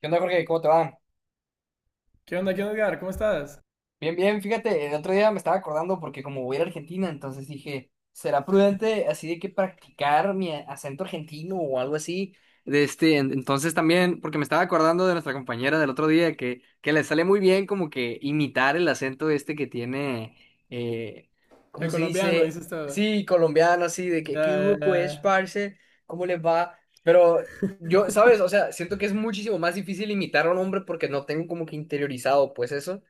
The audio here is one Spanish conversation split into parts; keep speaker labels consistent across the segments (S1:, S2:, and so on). S1: ¿Qué onda, Jorge? ¿Cómo te va?
S2: Qué onda, Edgar? ¿Cómo estás?
S1: Bien, bien, fíjate, el otro día me estaba acordando porque como voy a ir a Argentina, entonces dije, ¿será prudente así de que practicar mi acento argentino o algo así? De este, entonces también, porque me estaba acordando de nuestra compañera del otro día que le sale muy bien como que imitar el acento este que tiene, eh, ¿cómo
S2: El
S1: se
S2: colombiano,
S1: dice?
S2: dices todo.
S1: Sí, colombiano, así, de que,
S2: Ya,
S1: ¿qué
S2: ya,
S1: hubo pues,
S2: ya.
S1: parce? ¿Cómo les va? Pero yo, ¿sabes? O sea, siento que es muchísimo más difícil imitar a un hombre porque no tengo como que interiorizado pues eso.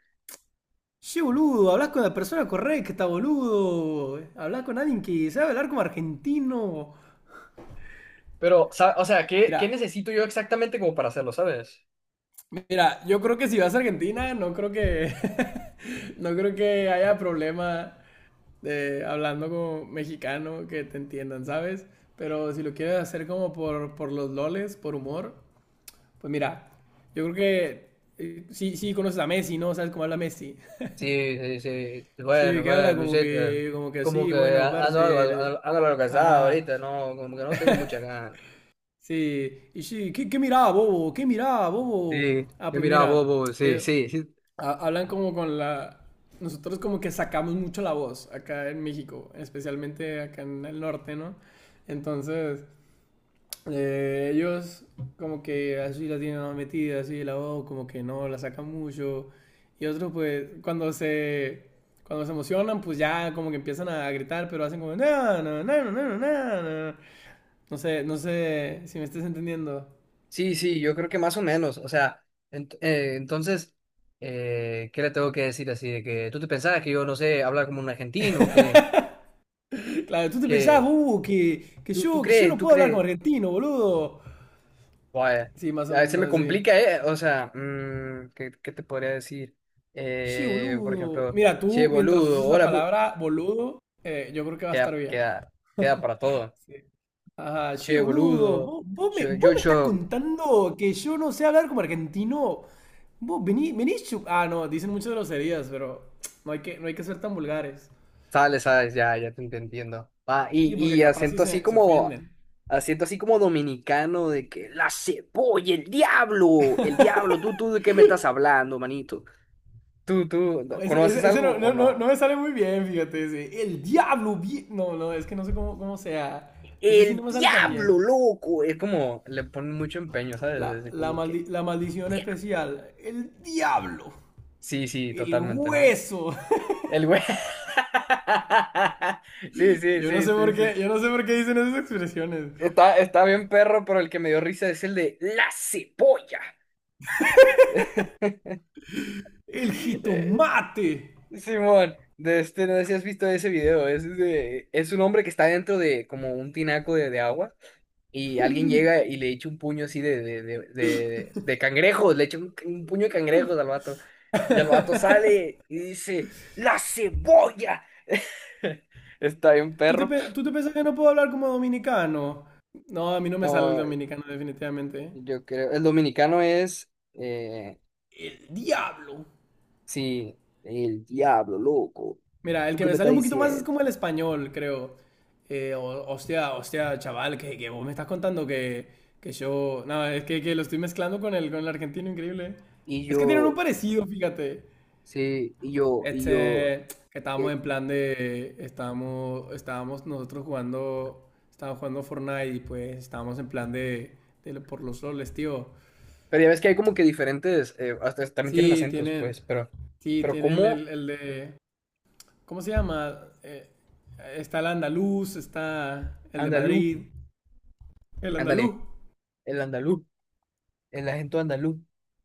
S2: Che, boludo, hablas con la persona correcta, boludo. Hablas con alguien que sabe hablar como argentino.
S1: Pero, o sea, ¿qué
S2: Mira,
S1: necesito yo exactamente como para hacerlo? ¿Sabes?
S2: mira, yo creo que si vas a Argentina, no creo que, no creo que haya problema de hablando como mexicano que te entiendan, ¿sabes? Pero si lo quieres hacer como por los loles, por humor, pues mira, yo creo que sí, sí conoces a Messi, ¿no? ¿Sabes cómo habla Messi?
S1: Sí, sí, sí.
S2: Sí,
S1: Bueno,
S2: que habla
S1: pues,
S2: como
S1: Luisita,
S2: que, como que
S1: como
S2: así,
S1: que
S2: bueno,
S1: ando algo,
S2: parce,
S1: ando algo cansado
S2: ajá,
S1: ahorita, no, como que no tengo mucha ganas.
S2: sí, y sí, ¿qué mirá, bobo? ¿Qué mirá, bobo?
S1: Sí,
S2: Ah,
S1: yo
S2: pues
S1: miraba
S2: mira,
S1: Bobo, sí, sí, sí,
S2: ha- hablan como con la, nosotros como que sacamos mucho la voz acá en México, especialmente acá en el norte, ¿no? Entonces, ellos como que así la tienen más metida, así la voz como que no la sacan mucho. Y otros pues cuando se emocionan pues ya como que empiezan a gritar, pero hacen como no, no, no, no, no, no, no. No sé, no sé si me estés entendiendo.
S1: sí, sí, yo creo que más o menos, o sea, entonces, ¿qué le tengo que decir así? De que tú te pensabas que yo, no sé, hablar como un argentino, que,
S2: Claro, tú te pensabas,
S1: que,
S2: que, que
S1: tú
S2: yo, que yo
S1: crees,
S2: no
S1: tú
S2: puedo hablar como
S1: crees.
S2: argentino, boludo.
S1: Vaya,
S2: Sí, más o
S1: a veces me
S2: menos así.
S1: complica, ¿eh? O sea, ¿qué te podría decir?
S2: Sí,
S1: Por
S2: boludo.
S1: ejemplo,
S2: Mira,
S1: che
S2: tú mientras
S1: boludo,
S2: uses la
S1: hola,
S2: palabra boludo, yo creo que va a estar
S1: queda,
S2: bien.
S1: queda, queda para todo.
S2: Sí. Ah, che,
S1: Che
S2: boludo,
S1: boludo,
S2: vos, vos me,
S1: yo,
S2: vos
S1: yo,
S2: me estás
S1: yo,
S2: contando que yo no sé hablar como argentino. Vos venís, venís chu- Ah, no, dicen muchas groserías, pero no hay que ser tan vulgares.
S1: sale, sabes, ya te entiendo. Ah, y,
S2: Sí, porque
S1: y
S2: capaz sí
S1: acento así
S2: se
S1: como,
S2: ofenden.
S1: dominicano de que la cebolla, el diablo, tú, ¿de qué me estás hablando, manito? ¿Tú,
S2: No, ese,
S1: conoces
S2: ese- ese
S1: algo
S2: no,
S1: o
S2: no, no,
S1: no?
S2: no me sale muy bien, fíjate. El diablo. No, no, es que no sé cómo sea. Ese sí no
S1: El
S2: me sale tan bien.
S1: diablo, loco. Es como, le ponen mucho empeño, ¿sabes?
S2: La,
S1: Es
S2: la,
S1: como que,
S2: maldi- la maldición
S1: diablo.
S2: especial. El diablo.
S1: Sí, sí,
S2: El
S1: totalmente, ¿no?
S2: hueso.
S1: El güey. Sí, sí,
S2: Yo no
S1: sí,
S2: sé
S1: sí,
S2: por
S1: sí.
S2: qué, yo no sé por qué dicen esas expresiones.
S1: Está bien perro, pero el que me dio risa es el de la cebolla.
S2: El
S1: Eh,
S2: jitomate.
S1: Simón, de este, no sé si has visto ese video. Es un hombre que está dentro de como un tinaco de, agua, y alguien llega y le echa un puño así de cangrejos, le echa un puño de cangrejos al vato. Y al vato sale y dice, ¡la cebolla! Está bien,
S2: ¿Tú te,
S1: perro.
S2: pe- tú te piensas que no puedo hablar como dominicano? No, a mí no me sale el
S1: No,
S2: dominicano definitivamente.
S1: yo creo, el dominicano es,
S2: El diablo.
S1: sí, el diablo, loco.
S2: Mira, el
S1: ¿Tú
S2: que
S1: qué
S2: me
S1: me
S2: sale
S1: estás
S2: un poquito más es
S1: diciendo?
S2: como el español, creo. Hostia, hostia, chaval, que vos me estás contando que yo... No, es que lo estoy mezclando con el argentino, increíble.
S1: Y
S2: Es que tienen un
S1: yo,
S2: parecido, fíjate.
S1: sí, y yo, y yo.
S2: Que estábamos
S1: ¿Qué?
S2: en plan de, estábamos, estábamos nosotros jugando, estábamos jugando Fortnite y pues estábamos en plan de por los roles, tío.
S1: Pero ya ves que hay como que diferentes, hasta también tienen
S2: Sí,
S1: acentos,
S2: tienen,
S1: pues, pero,
S2: sí, tienen
S1: como
S2: el de, ¿cómo se llama? Está el andaluz, está el de
S1: andaluz,
S2: Madrid, el andaluz.
S1: ándale. El andaluz, el acento andaluz.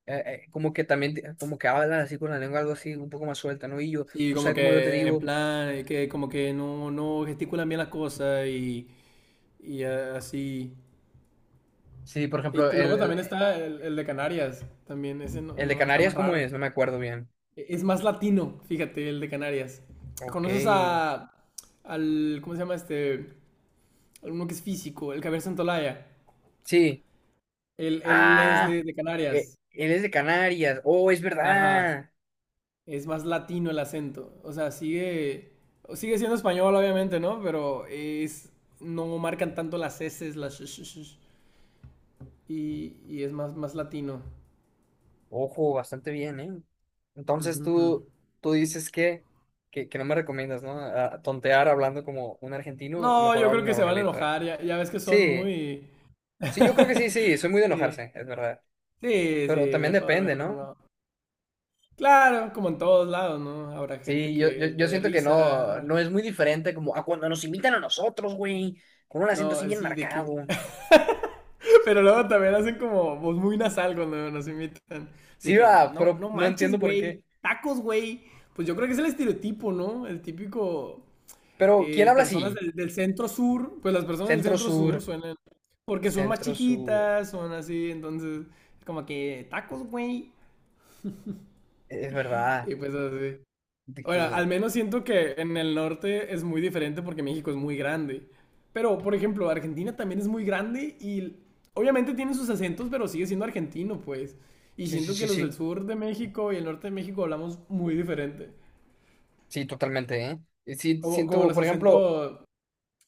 S1: Como que también, como que hablan así con la lengua, algo así, un poco más suelta, ¿no? Y yo,
S2: Sí,
S1: tú
S2: como
S1: sabes cómo yo te
S2: que en
S1: digo,
S2: plan, que como que no gesticulan bien las cosas y así.
S1: sí, por
S2: Y
S1: ejemplo,
S2: t- luego también está el de Canarias, también ese no,
S1: el de
S2: no- está
S1: Canarias,
S2: más
S1: ¿cómo
S2: raro.
S1: es? No me acuerdo bien.
S2: Es más latino, fíjate, el de Canarias.
S1: Ok.
S2: ¿Conoces al, ¿cómo se llama este? Alguno que es físico, el Javier Santolaya.
S1: Sí.
S2: Él es de,
S1: Ah,
S2: de Canarias.
S1: él es de Canarias. Oh, es
S2: Ajá.
S1: verdad.
S2: Es más latino el acento. O sea, sigue siendo español, obviamente, ¿no? No marcan tanto las S, las sh- sh- sh- y es más latino.
S1: Ojo, bastante bien, ¿eh? Entonces
S2: Ujú.
S1: tú, dices que no me recomiendas, ¿no? Tontear hablando como un argentino,
S2: No,
S1: mejor
S2: yo
S1: hablo
S2: creo que se van a
S1: normalito.
S2: enojar. Ya, ya ves que son
S1: Sí,
S2: muy...
S1: sí, yo creo que sí, sí, soy muy de
S2: Sí,
S1: enojarse, es verdad.
S2: sí,
S1: Pero
S2: sí,
S1: también
S2: mejor,
S1: depende,
S2: mejor
S1: ¿no?
S2: no. Claro, como en todos lados, ¿no? Habrá gente
S1: Sí, yo, yo,
S2: que le
S1: yo
S2: dé
S1: siento que no,
S2: risa.
S1: no es muy diferente como a cuando nos invitan a nosotros, güey, con un acento
S2: No,
S1: así bien
S2: así de que.
S1: marcado.
S2: Pero luego también hacen como voz muy nasal cuando nos imitan. Así
S1: Sí,
S2: que,
S1: va,
S2: no,
S1: pero
S2: no
S1: no
S2: manches,
S1: entiendo por
S2: güey.
S1: qué.
S2: Tacos, güey. Pues yo creo que es el estereotipo, ¿no? El típico.
S1: Pero, ¿quién
S2: eh,
S1: habla
S2: personas
S1: así?
S2: del centro sur. Pues las personas del
S1: Centro
S2: centro
S1: Sur,
S2: sur suenan. Porque son más
S1: Centro Sur.
S2: chiquitas, son así. Entonces, como que tacos, güey.
S1: Es verdad,
S2: Y pues así.
S1: de
S2: Ahora, al
S1: que...
S2: menos siento que en el norte es muy diferente porque México es muy grande. Pero, por ejemplo, Argentina también es muy grande y obviamente tiene sus acentos, pero sigue siendo argentino, pues. Y
S1: Sí, sí,
S2: siento que
S1: sí,
S2: los del
S1: sí.
S2: sur de México y el norte de México hablamos muy diferente.
S1: Sí, totalmente, ¿eh? Y sí,
S2: Como
S1: siento,
S2: los
S1: por ejemplo,
S2: acentos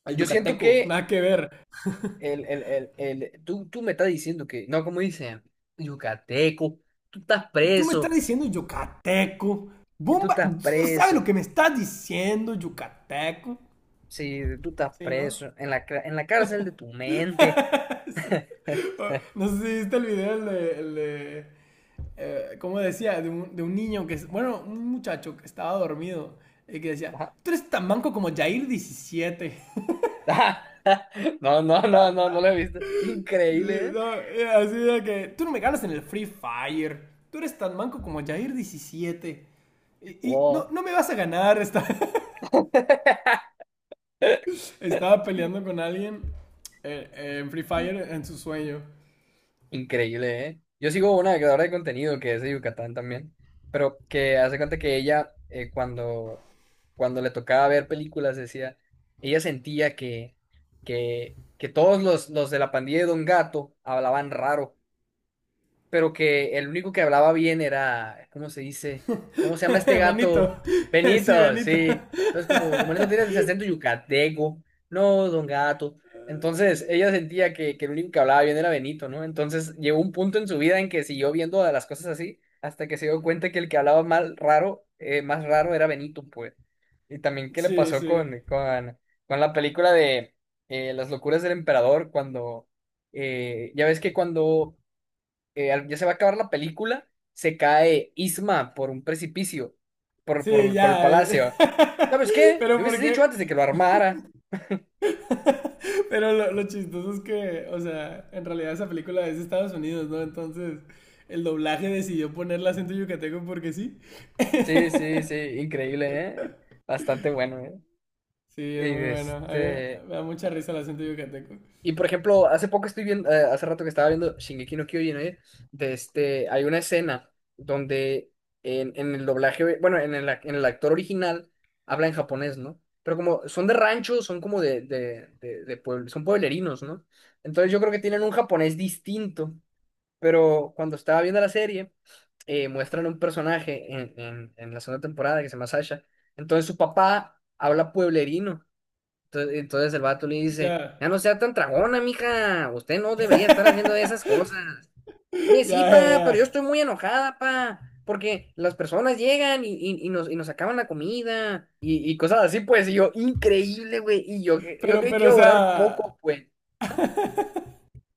S2: al
S1: yo siento
S2: yucateco,
S1: que
S2: nada que ver.
S1: tú me estás diciendo que, no, como dicen, yucateco, tú estás
S2: Tú me estás
S1: preso,
S2: diciendo yucateco.
S1: tú
S2: Bomba, tú
S1: estás
S2: no sabes lo
S1: preso.
S2: que me estás diciendo, yucateco.
S1: Si tú estás
S2: Sí, ¿no?
S1: preso en en la cárcel de tu mente.
S2: Sí. No sé si viste el video, el de como decía, de un niño que, bueno, un muchacho que estaba dormido y que decía,
S1: Ajá.
S2: tú eres tan manco como Jair17.
S1: No, no, no, no, no lo he visto. Increíble, ¿eh?
S2: No, así de que, tú no me ganas en el Free Fire, tú eres tan manco como Jair diecisiete. Y, y no,
S1: Wow.
S2: no me vas a ganar, Estaba peleando con alguien en Free Fire en su sueño.
S1: Increíble, ¿eh? Yo sigo una creadora de contenido que es de Yucatán también, pero que hace cuenta que ella, cuando le tocaba ver películas, decía, ella sentía que todos los de la pandilla de Don Gato hablaban raro. Pero que el único que hablaba bien era, ¿cómo se dice? ¿Cómo se llama este gato?
S2: Benito, sí,
S1: Benito,
S2: Benito.
S1: sí. Entonces, como Benito tiene ese acento yucateco, no, Don Gato. Entonces, ella sentía que el único que hablaba bien era Benito, ¿no? Entonces, llegó un punto en su vida en que siguió viendo a las cosas así, hasta que se dio cuenta que el que hablaba mal, raro, más raro era Benito, pues. Y también qué le
S2: Sí,
S1: pasó
S2: sí.
S1: con, con la película de Las locuras del emperador, cuando... ya ves que cuando ya se va a acabar la película, se cae Isma por un precipicio,
S2: Sí,
S1: por el
S2: ya.
S1: palacio, no. ¿Sabes qué?
S2: Pero
S1: Me hubieses dicho
S2: porque
S1: antes de que lo armara.
S2: Pero lo chistoso es que, o sea, en realidad esa película es de Estados Unidos, ¿no? Entonces, el doblaje decidió ponerle acento yucateco porque sí.
S1: Sí, sí, sí, increíble, ¿eh? Bastante bueno, ¿eh?
S2: Sí,
S1: Y
S2: es muy bueno. A mí
S1: este...
S2: me da mucha risa el acento yucateco.
S1: Y por ejemplo, hace poco estoy viendo, hace rato que estaba viendo Shingeki no Kyojin, ¿eh? De este, hay una escena donde en el doblaje, bueno, en el actor original habla en japonés, ¿no? Pero como son de rancho, son como son pueblerinos, ¿no? Entonces yo creo que tienen un japonés distinto, pero cuando estaba viendo la serie, muestran un personaje en la segunda temporada que se llama Sasha. Entonces su papá habla pueblerino. Entonces el vato le dice,
S2: Ya.
S1: ya no sea tan tragona, mija, usted no debería estar haciendo esas cosas. Oye,
S2: Ya,
S1: sí,
S2: ya,
S1: pa, pero yo
S2: ya.
S1: estoy muy enojada, pa, porque las personas llegan y nos, acaban la comida y cosas así, pues, y yo, increíble, güey, y yo, yo
S2: Pero,
S1: creí que
S2: pero, o
S1: iba a
S2: sea.
S1: durar poco, güey. Ajá.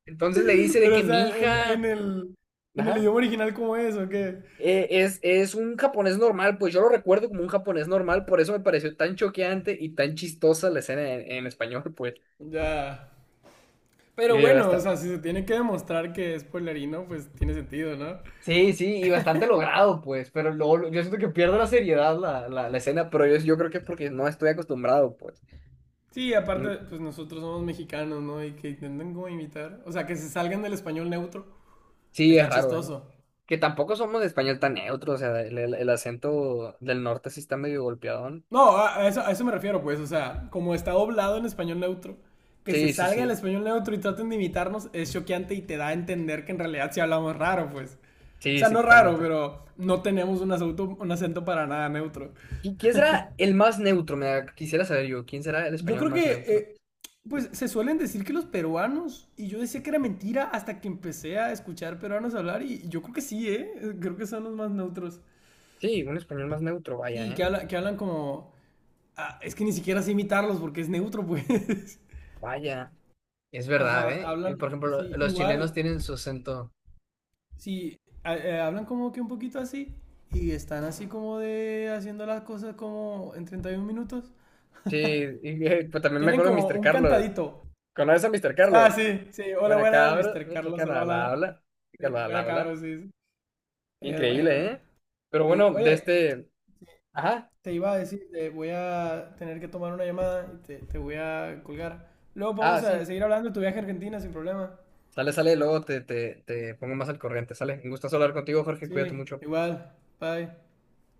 S1: Entonces le dice de
S2: Pero, o
S1: que mi
S2: sea, en, en
S1: hija,
S2: el, en el
S1: ajá,
S2: idioma original, ¿cómo es o qué?
S1: es un japonés normal, pues yo lo recuerdo como un japonés normal, por eso me pareció tan choqueante y tan chistosa la escena en español, pues.
S2: Ya. Pero
S1: Y yo,
S2: bueno, o
S1: hasta,
S2: sea, si se tiene que demostrar que es pueblerino, pues tiene sentido, ¿no?
S1: sí, sí, y bastante logrado, pues, pero luego yo siento que pierdo la seriedad la escena, pero yo creo que es porque no estoy acostumbrado, pues.
S2: Sí,
S1: Y
S2: aparte, pues nosotros somos mexicanos, ¿no? Y que intenten como imitar. O sea, que se salgan del español neutro.
S1: sí, es
S2: Está
S1: raro, ¿eh?
S2: chistoso.
S1: Que tampoco somos de español tan neutro, o sea, el acento del norte sí está medio golpeadón.
S2: No, a eso me refiero, pues. O sea, como está doblado en español neutro, que se
S1: Sí, sí,
S2: salga del
S1: sí,
S2: español neutro y traten de imitarnos es choqueante y te da a entender que en realidad sí hablamos raro, pues. O
S1: sí,
S2: sea,
S1: sí,
S2: no raro,
S1: totalmente.
S2: pero no tenemos un acento para nada neutro.
S1: ¿Quién será el más neutro? Quisiera saber yo, ¿quién será el
S2: Yo
S1: español
S2: creo
S1: más
S2: que,
S1: neutro?
S2: pues se suelen decir que los peruanos, y yo decía que era mentira hasta que empecé a escuchar peruanos hablar, y yo creo que sí, ¿eh? Creo que son los más neutros.
S1: Sí, un español más neutro, vaya,
S2: Sí, que,
S1: ¿eh?
S2: habla- que hablan como... Ah, es que ni siquiera sé imitarlos porque es neutro, pues.
S1: Vaya, es verdad,
S2: Ajá,
S1: ¿eh? Y,
S2: hablan,
S1: por ejemplo,
S2: sí,
S1: los chilenos
S2: igual,
S1: tienen su acento.
S2: sí, hablan como que un poquito así, y están así como de haciendo las cosas como en 31 minutos.
S1: Sí, y, pues también me
S2: Tienen
S1: acuerdo de
S2: como
S1: Mr.
S2: un
S1: Carlos.
S2: cantadito.
S1: ¿Conoces a Mr.
S2: Ah,
S1: Carlos?
S2: sí, sí, hola,
S1: Buena
S2: buenas,
S1: cabra,
S2: mister
S1: Mr.
S2: Carlos, hola,
S1: Carlos la
S2: hola.
S1: habla.
S2: Sí,
S1: Carlos la
S2: buena
S1: habla.
S2: cabros, sí. Sí. Es bueno,
S1: Increíble,
S2: eh.
S1: ¿eh? Pero
S2: Sí.
S1: bueno, de
S2: Oye,
S1: este. Ajá.
S2: te iba a decir, te voy a tener que tomar una llamada y te voy a colgar. Luego
S1: Ah,
S2: vamos a
S1: sí.
S2: seguir hablando de tu viaje a Argentina sin problema.
S1: Sale, sale, luego te, te pongo más al corriente. Sale. Me gusta hablar contigo, Jorge. Cuídate
S2: Sí,
S1: mucho.
S2: igual. Bye.